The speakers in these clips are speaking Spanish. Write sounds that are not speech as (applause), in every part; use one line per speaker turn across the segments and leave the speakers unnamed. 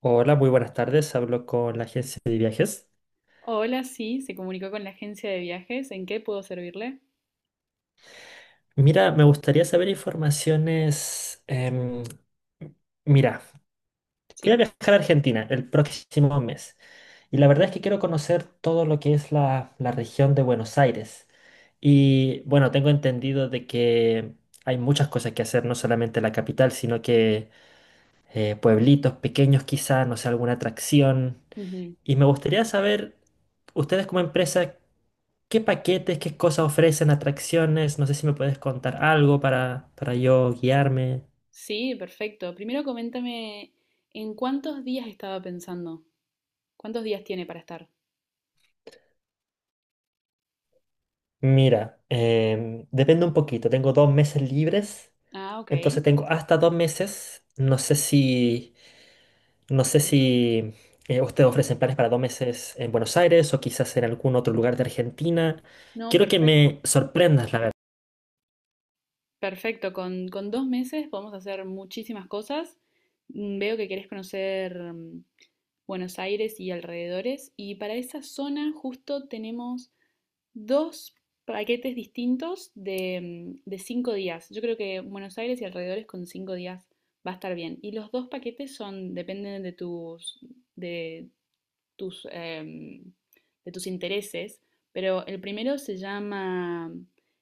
Hola, muy buenas tardes. Hablo con la agencia de viajes.
Hola, sí, se comunicó con la agencia de viajes. ¿En qué puedo servirle?
Mira, me gustaría saber informaciones. Mira, voy a
Sí.
viajar a Argentina el próximo mes y la verdad es que quiero conocer todo lo que es la región de Buenos Aires. Y bueno, tengo entendido de que hay muchas cosas que hacer, no solamente la capital, sino que pueblitos pequeños quizá, no sé, alguna atracción.
Ujú.
Y me gustaría saber, ustedes como empresa, ¿qué paquetes, qué cosas ofrecen, atracciones? No sé si me puedes contar algo para yo guiarme.
Sí, perfecto. Primero coméntame en cuántos días estaba pensando. ¿Cuántos días tiene para estar?
Mira, depende un poquito. Tengo dos meses libres,
Ah, ok.
entonces tengo hasta dos meses. No sé
Ok.
si ustedes ofrecen planes para dos meses en Buenos Aires o quizás en algún otro lugar de Argentina.
No,
Quiero que me
perfecto.
sorprendas, la verdad.
Perfecto. Con 2 meses podemos hacer muchísimas cosas. Veo que querés conocer Buenos Aires y alrededores. Y para esa zona justo tenemos dos paquetes distintos de 5 días. Yo creo que Buenos Aires y alrededores con 5 días va a estar bien. Y los dos paquetes son, dependen de tus, em, de tus intereses, pero el primero se llama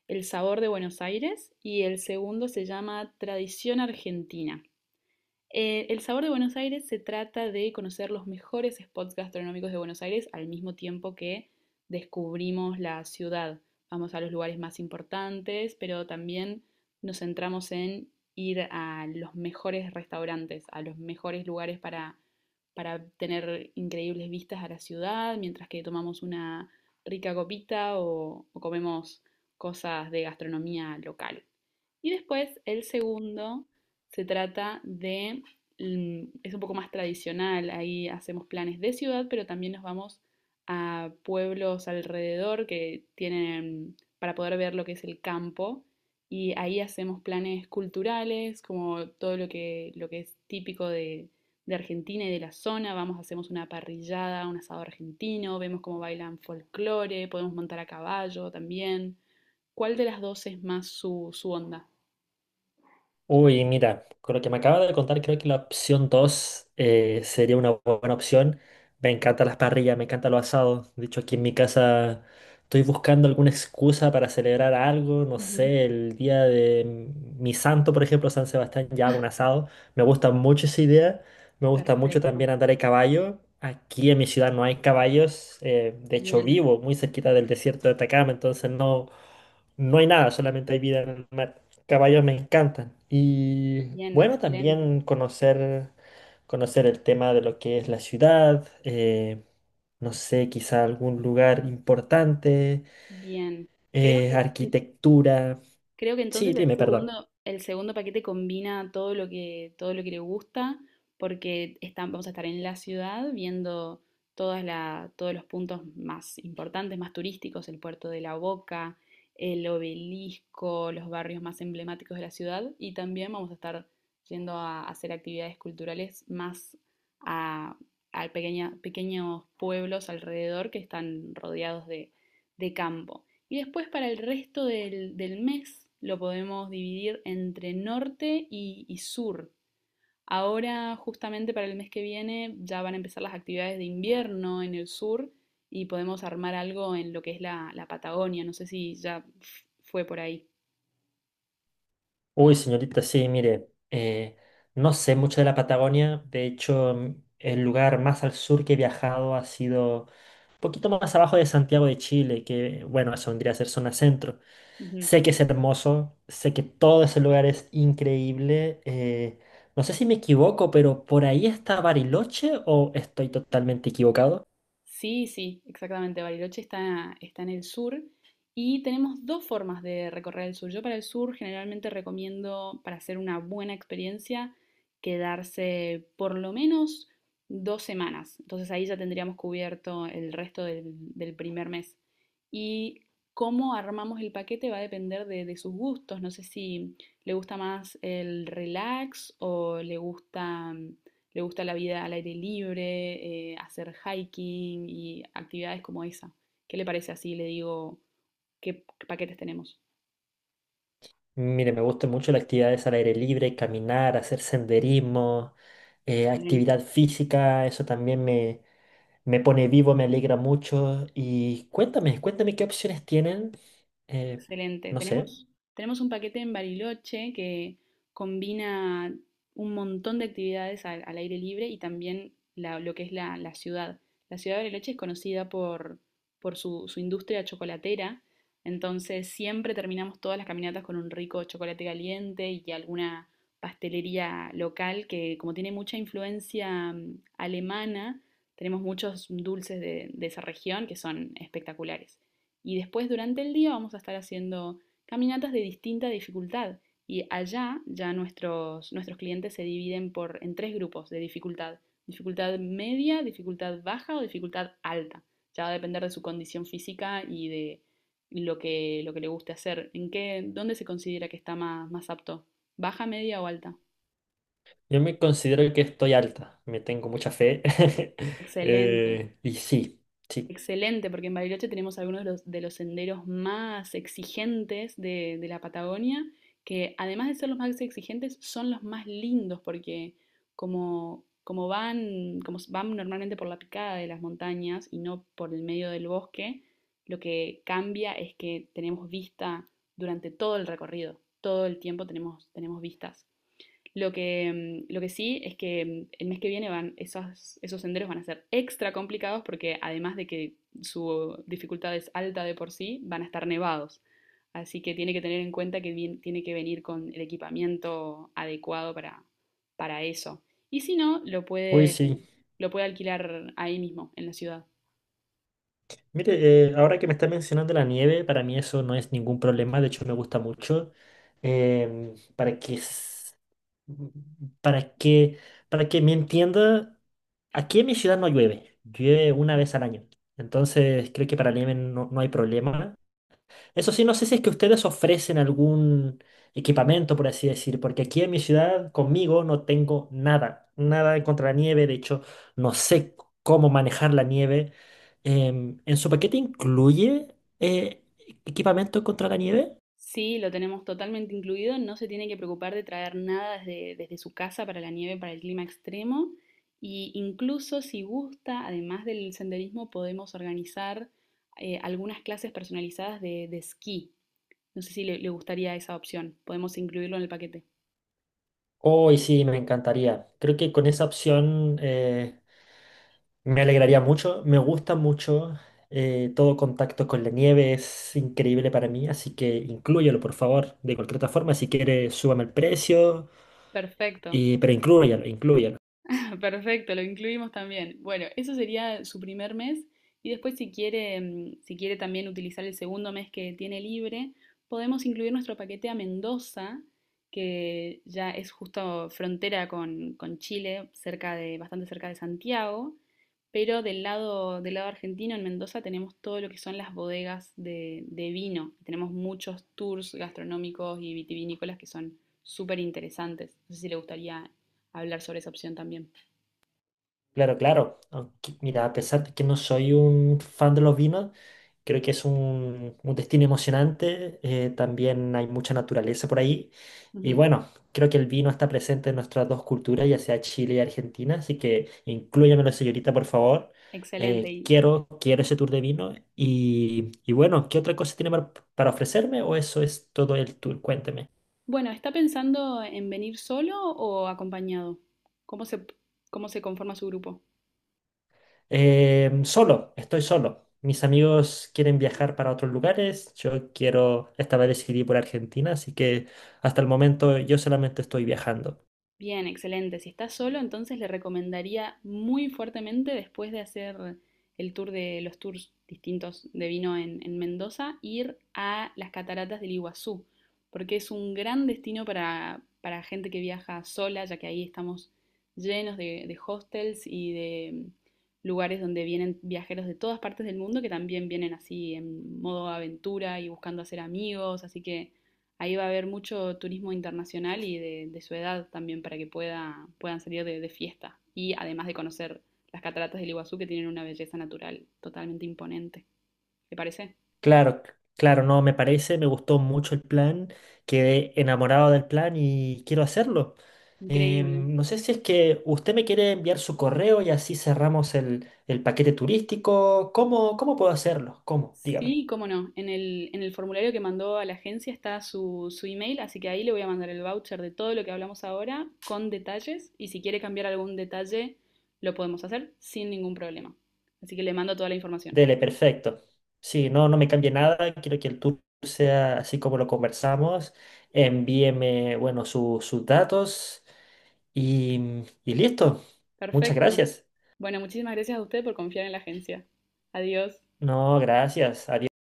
El sabor de Buenos Aires y el segundo se llama Tradición Argentina. El Sabor de Buenos Aires se trata de conocer los mejores spots gastronómicos de Buenos Aires al mismo tiempo que descubrimos la ciudad. Vamos a los lugares más importantes, pero también nos centramos en ir a los mejores restaurantes, a los mejores lugares para tener increíbles vistas a la ciudad, mientras que tomamos una rica copita o comemos cosas de gastronomía local. Y después, el segundo se trata de es un poco más tradicional. Ahí hacemos planes de ciudad, pero también nos vamos a pueblos alrededor que tienen para poder ver lo que es el campo. Y ahí hacemos planes culturales, como todo lo que es típico de Argentina y de la zona. Vamos, hacemos una parrillada, un asado argentino, vemos cómo bailan folclore, podemos montar a caballo también. ¿Cuál de las dos es más su onda?
Uy, mira, con lo que me acaba de contar, creo que la opción 2 sería una buena opción. Me encantan las parrillas, me encanta lo asado. De hecho, aquí en mi casa estoy buscando alguna excusa para celebrar algo. No
Ujú.
sé, el día de mi santo, por ejemplo, San Sebastián, ya hago un asado. Me gusta mucho esa idea. Me gusta mucho
Perfecto.
también andar en caballo. Aquí en mi ciudad no hay caballos. De hecho,
Bien,
vivo muy cerquita del desierto de Atacama, entonces no, no hay nada, solamente hay vida en el mar. Caballos me encantan. Y
bien,
bueno,
excelente.
también conocer el tema de lo que es la ciudad, no sé, quizá algún lugar importante,
Bien. Creo que, en-
arquitectura.
creo que
Sí,
entonces el
dime, perdón.
segundo, el segundo paquete combina todo lo que le gusta, porque vamos a estar en la ciudad viendo todos los puntos más importantes, más turísticos, el puerto de La Boca, el obelisco, los barrios más emblemáticos de la ciudad, y también vamos a estar yendo a hacer actividades culturales más a, a pequeños pueblos alrededor que están rodeados de campo. Y después para el resto del mes lo podemos dividir entre norte y sur. Ahora, justamente para el mes que viene, ya van a empezar las actividades de invierno en el sur y podemos armar algo en lo que es la Patagonia. No sé si ya fue por ahí.
Uy, señorita, sí, mire, no sé mucho de la Patagonia. De hecho, el lugar más al sur que he viajado ha sido un poquito más abajo de Santiago de Chile, que, bueno, eso vendría a ser zona centro.
Ujú.
Sé que es hermoso, sé que todo ese lugar es increíble. No sé si me equivoco, pero por ahí está Bariloche o estoy totalmente equivocado.
Sí, sí, exactamente. Bariloche está en el sur y tenemos dos formas de recorrer el sur. Yo para el sur generalmente recomiendo, para hacer una buena experiencia, quedarse por lo menos 2 semanas. Entonces ahí ya tendríamos cubierto el resto del primer mes. Y cómo armamos el paquete va a depender de sus gustos. No sé si le gusta más el relax o le gusta la vida al aire libre, hacer hiking y actividades como esa. ¿Qué le parece así? Le digo, ¿qué paquetes tenemos?
Mire, me gustan mucho las actividades al aire libre, caminar, hacer senderismo,
Excelente.
actividad física, eso también me pone vivo, me alegra mucho. Y cuéntame qué opciones tienen. Eh,
Excelente.
no sé,
Tenemos un paquete en Bariloche que combina un montón de actividades al aire libre y también lo que es la ciudad. La ciudad de Bariloche es conocida por su industria chocolatera, entonces siempre terminamos todas las caminatas con un rico chocolate caliente y alguna pastelería local que como tiene mucha influencia alemana, tenemos muchos dulces de esa región que son espectaculares. Y después durante el día vamos a estar haciendo caminatas de distinta dificultad. Y allá ya nuestros clientes se dividen en tres grupos de dificultad. Dificultad media, dificultad baja o dificultad alta. Ya va a depender de su condición física y de lo que, le guste hacer. ¿Dónde se considera que está más apto? ¿Baja, media o alta?
yo me considero que estoy alta, me tengo mucha fe. (laughs)
Excelente.
Y sí, sí.
Excelente, porque en Bariloche tenemos algunos de los senderos más exigentes de la Patagonia, que además de ser los más exigentes, son los más lindos, porque como van normalmente por la picada de las montañas y no por el medio del bosque, lo que cambia es que tenemos vista durante todo el recorrido, todo el tiempo tenemos vistas. Lo que, lo que sí es que el mes que viene esos senderos van a ser extra complicados porque además de que su dificultad es alta de por sí, van a estar nevados. Así que tiene que tener en cuenta que tiene que venir con el equipamiento adecuado para eso. Y si no, lo
Uy,
puede,
sí.
lo puede alquilar ahí mismo, en la ciudad.
Mire, ahora que me está mencionando la nieve, para mí eso no es ningún problema, de hecho me gusta mucho. Em, para que, s- para que, para que me entienda, aquí en mi ciudad no llueve, llueve una vez al año. Entonces creo que para la nieve no, no hay problema. Eso sí, no sé si es que ustedes ofrecen algún equipamiento, por así decir, porque aquí en mi ciudad conmigo no tengo nada, nada en contra la nieve, de hecho, no sé cómo manejar la nieve. ¿En su paquete incluye eh, equipamiento contra la nieve?
Sí, lo tenemos totalmente incluido, no se tiene que preocupar de traer nada desde su casa para la nieve, para el clima extremo. Y incluso si gusta, además del senderismo, podemos organizar algunas clases personalizadas de esquí. No sé si le gustaría esa opción. Podemos incluirlo en el paquete.
Hoy sí, me encantaría. Creo que con esa opción me alegraría mucho, me gusta mucho. Todo contacto con la nieve es increíble para mí, así que inclúyelo, por favor, de cualquier otra forma. Si quieres, súbame el precio,
Perfecto.
y, pero inclúyalo.
(laughs) Perfecto, lo incluimos también. Bueno, eso sería su primer mes y después si quiere también utilizar el segundo mes que tiene libre, podemos incluir nuestro paquete a Mendoza, que ya es justo frontera con Chile, bastante cerca de Santiago, pero del lado argentino, en Mendoza, tenemos todo lo que son las bodegas de vino. Tenemos muchos tours gastronómicos y vitivinícolas que son súper interesantes. No sé si le gustaría hablar sobre esa opción también.
Claro, claro. Aunque, mira, a pesar de que no soy un fan de los vinos, creo que es un destino emocionante. También hay mucha naturaleza por ahí. Y
Ujú.
bueno, creo que el vino está presente en nuestras dos culturas, ya sea Chile y Argentina. Así que inclúyamelo, señorita, por favor.
Excelente. Y
Quiero ese tour de vino. Y bueno, ¿qué otra cosa tiene para ofrecerme? ¿O eso es todo el tour? Cuénteme.
bueno, ¿está pensando en venir solo o acompañado? ¿Cómo se, cómo se conforma su grupo?
Solo, estoy solo. Mis amigos quieren viajar para otros lugares. Yo quiero, esta vez decidí por Argentina, así que hasta el momento yo solamente estoy viajando.
Bien, excelente. Si estás solo, entonces le recomendaría muy fuertemente después de hacer el tour de los tours distintos de vino en Mendoza, ir a las cataratas del Iguazú, porque es un gran destino para gente que viaja sola, ya que ahí estamos llenos de hostels y de lugares donde vienen viajeros de todas partes del mundo que también vienen así en modo aventura y buscando hacer amigos, así que ahí va a haber mucho turismo internacional y de su edad también para que puedan salir de fiesta. Y además de conocer las cataratas del Iguazú que tienen una belleza natural totalmente imponente. ¿Te parece?
Claro, no me parece, me gustó mucho el plan, quedé enamorado del plan y quiero hacerlo.
Increíble.
No sé si es que usted me quiere enviar su correo y así cerramos el paquete turístico. ¿Cómo puedo hacerlo? ¿Cómo? Dígame.
Sí, cómo no. En el formulario que mandó a la agencia está su email, así que ahí le voy a mandar el voucher de todo lo que hablamos ahora con detalles y si quiere cambiar algún detalle lo podemos hacer sin ningún problema. Así que le mando toda la información.
Dele, perfecto. Sí, no, no me cambie nada. Quiero que el tour sea así como lo conversamos. Envíeme, bueno, sus datos y listo. Muchas
Perfecto.
gracias.
Bueno, muchísimas gracias a usted por confiar en la agencia. Adiós.
No, gracias. Adiós.